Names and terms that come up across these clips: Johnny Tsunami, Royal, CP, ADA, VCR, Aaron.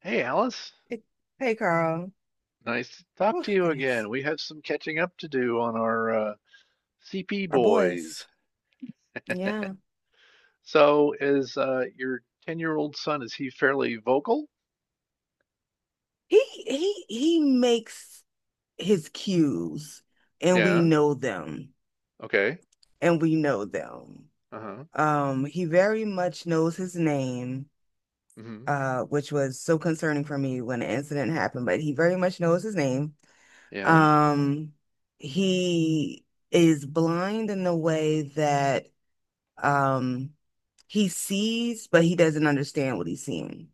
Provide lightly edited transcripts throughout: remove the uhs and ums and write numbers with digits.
Hey Alice, Hey, hey, Carl. nice to talk Oh, to you goodness. again. We have some catching up to do on our CP Our boys. boys. Yeah. So is your 10-year-old son, is he fairly vocal? He he makes his cues, and we Yeah. know them. Okay. And we know them. Uh-huh. He very much knows his name, Hmm. Which was so concerning for me when the incident happened, but he very much knows his name. Yeah. Um, he is blind in the way that um he sees, but he doesn't understand what he's seeing.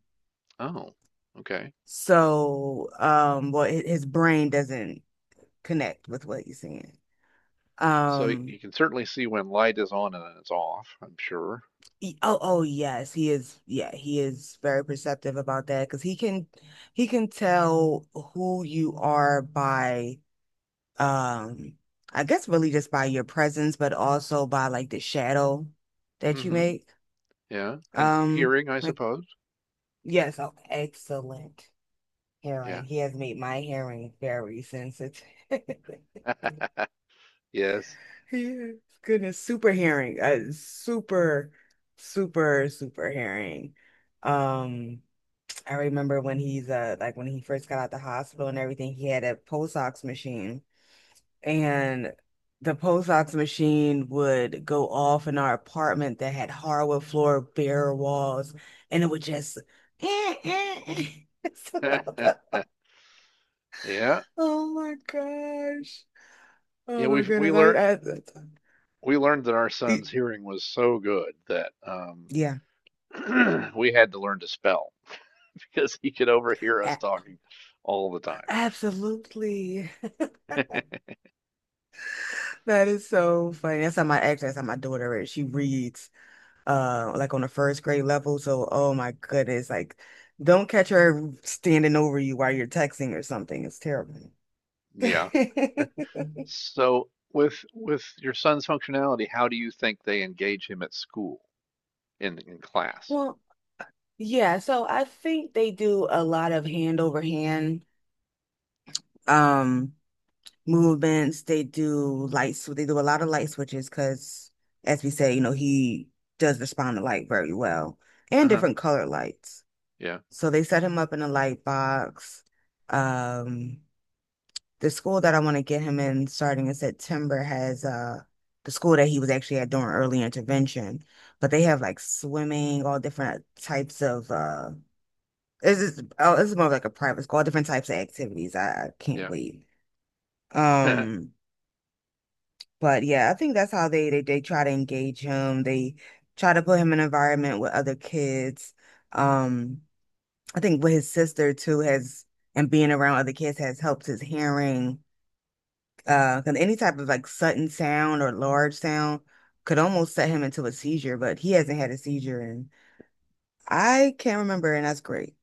Oh. Okay. So, his brain doesn't connect with what he's seeing. So he Um, can certainly see when light is on and it's off, I'm sure. Oh, oh, yes, he is. Yeah, he is very perceptive about that because he can tell who you are by, um, I guess really just by your presence, but also by like the shadow that you Hmm. make. Yeah. And Um, hearing, I like suppose. yes, oh, excellent Yeah. hearing. He has made my hearing very sensitive. Yes. Yeah. Goodness, super herring. Super, super, super herring. Um, I remember when he's like when he first got out the hospital and everything, he had a pulse ox machine. And the pulse ox machine would go off in our apartment that had hardwood floor, bare walls, and it would just eh, eh, eh. It's about the- Yeah. Oh my gosh. Yeah, Oh my we we goodness. Learn we learned that our son's it- hearing was so good that yeah. we had to learn to spell because he could overhear us talking all the time. Absolutely. That is so funny. That's how my daughter is. She reads on the first grade level. So oh my goodness, like don't catch her standing over you while you're texting or something. It's terrible. Yeah. So with your son's functionality, how do you think they engage him at school in class? Well, yeah, so I think they do a lot of hand over hand um movements. They do lights, they do a lot of light switches because as we said, you know, he does respond to light very well and Uh-huh. different color lights. Yeah. So they set him up in a light box. Um, the school that I want to get him in starting in September has the school that he was actually at during early intervention, but they have like swimming, all different types of this is oh this is more of like a private school, all different types of activities. I can't Yeah. wait. Um, but yeah, I think that's how they try to engage him. They try to put him in an environment with other kids. Um I think with his sister too has and being around other kids has helped his hearing. 'Cause any type of like sudden sound or large sound could almost set him into a seizure, but he hasn't had a seizure and I can't remember, and that's great.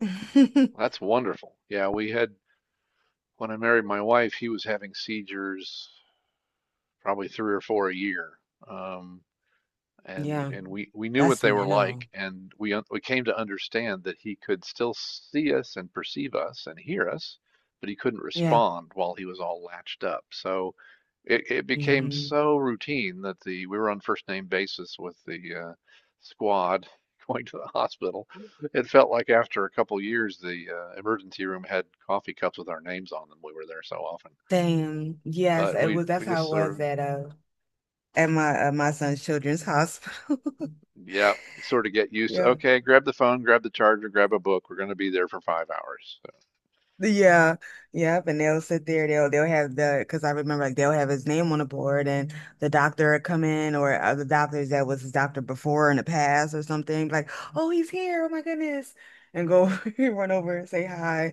That's wonderful. Yeah, we had when I married my wife, he was having seizures probably 3 or 4 a year. Um, and Yeah, we knew what that's they were like minimal. and we came to understand that he could still see us and perceive us and hear us but he couldn't Yeah. respond while he was all latched up. So it became Hmm. so routine that the we were on first name basis with the squad going to the hospital. It felt like after a couple of years the emergency room had coffee cups with our names on them, we were there so often. Same. Yes, But it we was. That's how just it sort was of at my son's children's hospital. Yep. Sort of get used to, Yeah. okay, grab the phone, grab the charger, grab a book. We're going to be there for 5 hours. Yeah, yep, and they'll sit there. They'll have the because I remember like they'll have his name on the board, and the doctor would come in or other doctors that was his doctor before in the past or something like, oh, he's here, oh my goodness, and go run over and say hi,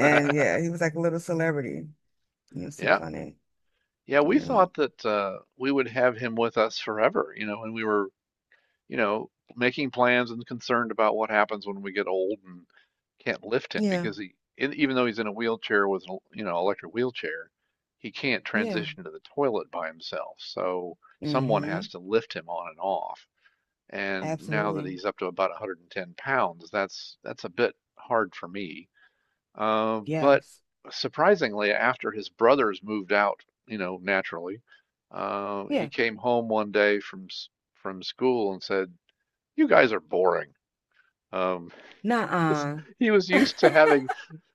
So, yeah, he was like a little celebrity. It was too yeah. funny. Yeah, we Yeah, thought that we would have him with us forever, you know, when we were you know, making plans and concerned about what happens when we get old and can't lift him yeah, because even though he's in a wheelchair with an, you know, electric wheelchair, he can't yeah. transition to the toilet by himself. So someone has Hmm. to lift him on and off. And now that Absolutely. he's up to about 110 pounds, that's a bit hard for me. But Yes. surprisingly, after his brothers moved out, you know, naturally, he Yeah. came home one day from school and said, you guys are boring. Um, 'cause Nuh-uh. he was used to having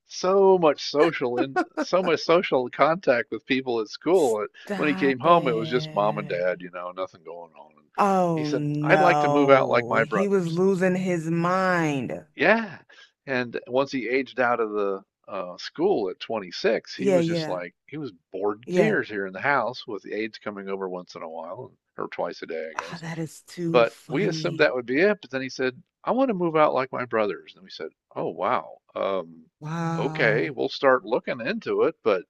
so much social and so much social contact with people at school. When he came Stop home, it was just mom and dad, it. you know, nothing going on. And he Oh said, "I'd like to move out like no, my he was brothers." losing his mind. Yeah. And once he aged out of the school at 26, he Yeah, was just yeah, like he was bored to yeah. tears here in the house with the aides coming over once in a while or twice a day, I Oh, guess. that is too But we assumed funny. that would be it. But then he said, I want to move out like my brothers. And we said, oh, wow. Okay, Wow. we'll start looking into it, but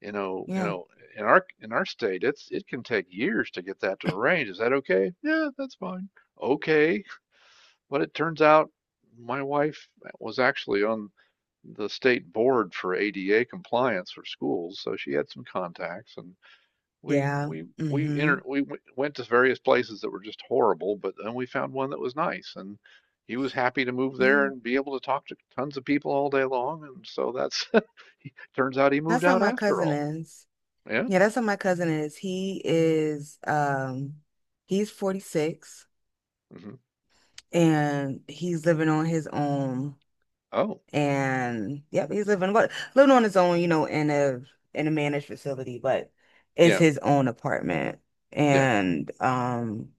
you know, Yeah, in our state, it's it can take years to get that to arrange. Is that okay? Yeah, that's fine. Okay. But it turns out my wife was actually on the state board for ADA compliance for schools, so she had some contacts and we yeah. we we entered Mm-hmm. we went to various places that were just horrible, but then we found one that was nice and he was happy to move there Yeah. and be able to talk to tons of people all day long, and so that's turns out he That's moved how out my after cousin all. is. Yeah. Yeah, that's how my cousin is. He is he's 46 Hmm. and he's living on his own. Oh, And yep, he's living what living on his own, you know, in a managed facility, but it's yeah. his own apartment. Yeah. And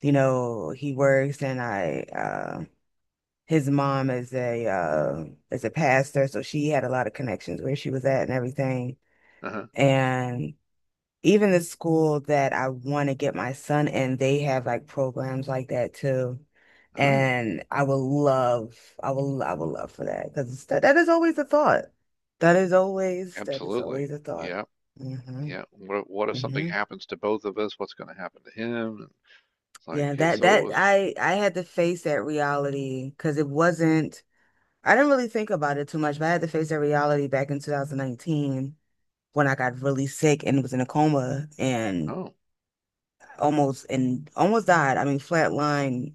you know, he works and I his mom is a pastor, so she had a lot of connections where she was at and everything. Uh-huh. And even the school that I want to get my son in, they have like programs like that too. Ah, And I would love for that because that is always a thought. That is always absolutely. a thought. Yeah. Hmm. Yeah. What if something Hmm. happens to both of us? What's going to happen to him? And it's like it- so it was. I had to face that reality because it wasn't, I didn't really think about it too much, but I had to face that reality back in 2019 when I got really sick and was in a coma Oh, and almost died. I mean, flatlined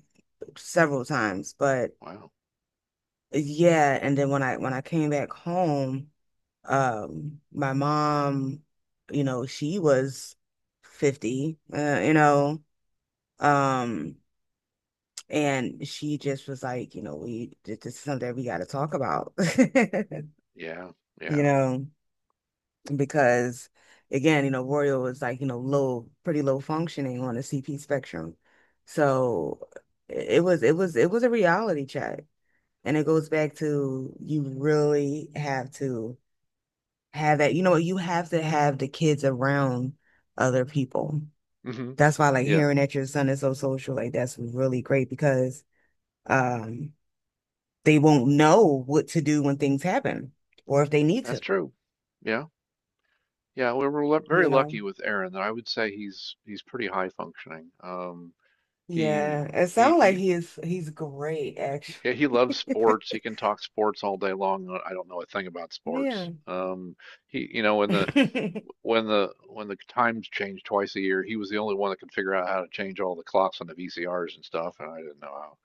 several times, but wow. yeah. And then when I came back home, my mom, you know, she was 50, you know, um, and she just was like, you know, we this is something we got to talk about, Yeah. you Yeah. know. Because again, you know, Royal is like, you know, low, pretty low functioning on the CP spectrum. So it was it was a reality check. And it goes back to you really have to have that, you know, you have to have the kids around other people. Hmm. That's why like Yeah. hearing that your son is so social, like that's really great because um they won't know what to do when things happen or if they need That's to, true. Yeah. Very you know. lucky with Aaron. I would say he's pretty high functioning. Um, he Yeah, it sounds like he he he's great actually. He loves sports. He can talk sports all day long. I don't know a thing about sports. Yeah. He you know when the when the times change twice a year, he was the only one that could figure out how to change all the clocks on the VCRs and stuff, and I didn't know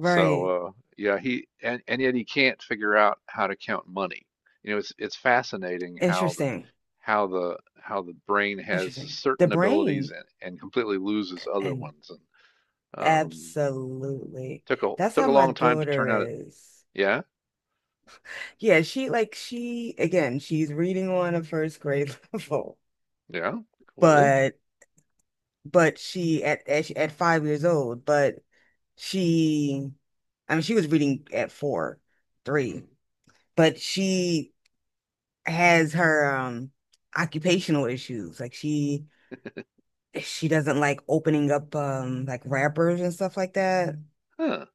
so yeah, he and yet he can't figure out how to count money. You know, it's fascinating how the Interesting. How the brain has Interesting. The certain abilities, brain and completely loses other and ones. And um, absolutely. took a That's took how a my long time to daughter turn out. It, is. yeah, Yeah, she like she again, she's reading on a first grade level, yeah, cool. but she at 5 years old, but she I mean she was reading at four, Mm. three, but she has her occupational issues. She doesn't like opening up like wrappers and stuff like that. Huh.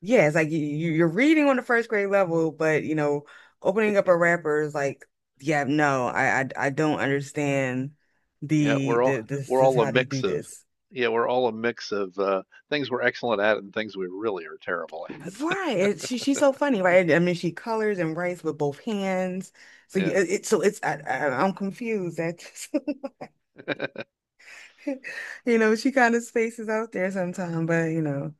Yeah, it's like you're reading on the first grade level, but you know, opening up a wrapper is like, yeah, no, I don't understand Yeah, we're all the this we're is all a how they mix do of this. yeah, we're all a mix of things we're excellent at and things we really are terrible at. Right. She she's so funny, right? I mean, she colors and writes with both hands. Yeah. So it's I'm confused. That. You know, she kind of spaces out there sometimes, but you know,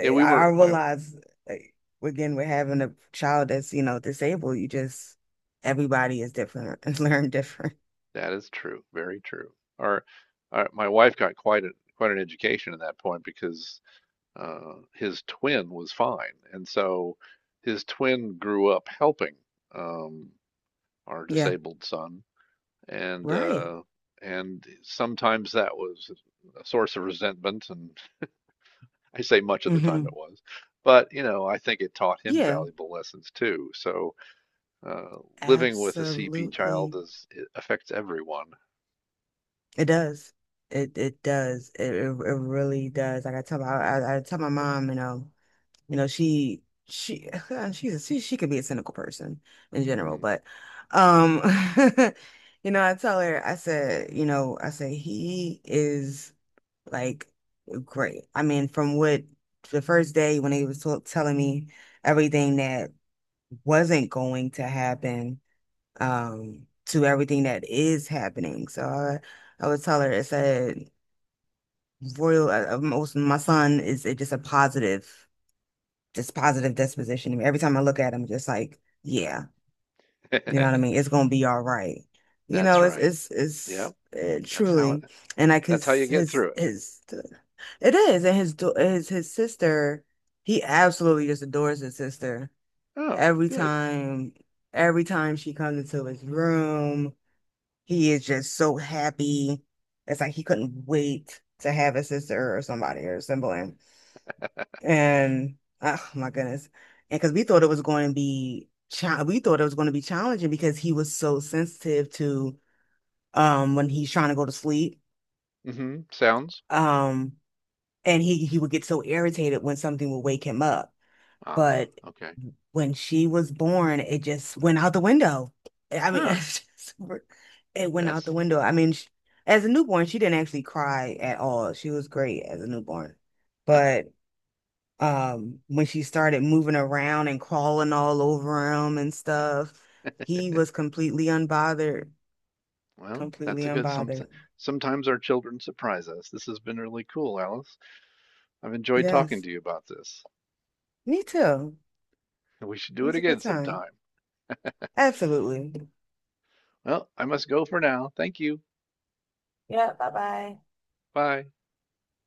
Yeah, we I were my realize like again, we're having a child that's, you know, disabled, you just everybody is different and learn different. That is true. Very true. Our, our My wife got quite an education at that point because his twin was fine, and so his twin grew up helping um, our Yeah, disabled son, and right. uh, and sometimes that was a source of resentment, and I say much of the time it Hmm. was, but you know I think it taught him Yeah, valuable lessons too. So uh, living with a CP child, absolutely. is it affects everyone. It does. It does. It really does. Like I tell my mom, you know. You know, she she could be a cynical person in general, but um you know, I tell her, I said, you know, I said he is like great. I mean, from what the first day when he was t telling me everything that wasn't going to happen, to everything that is happening. So I would tell her, I said, Royal, most my son is just a positive, this positive disposition. Every time I look at him, just like, yeah, you know Mm. what I mean? It's gonna be all right. You That's know, right. Yep. That's how it truly, and like that's how you get through it. his it is, and his sister, he absolutely just adores his sister. Oh, Every good. time, every time she comes into his room, he is just so happy. It's like he couldn't wait to have a sister or somebody or a sibling, and oh my goodness. And because we thought it was going to be challenging because he was so sensitive to when he's trying to go to sleep. Mhm. Sounds. Um and he would get so irritated when something would wake him up. Ah, But okay. when she was born, it just went out the window. I mean, Ah, it went out the that's window. I mean, sh As a newborn, she didn't actually cry at all. She was great as a newborn. uh But when she started moving around and crawling all over him and stuff, he was completely unbothered, Well, that's completely a good unbothered. sometimes our children surprise us. This has been really cool, Alice. I've enjoyed talking Yes, to you about this. me too. We should It do it was a again good time. sometime. Absolutely. Well, I must go for now. Thank you. Yeah, bye bye. Bye.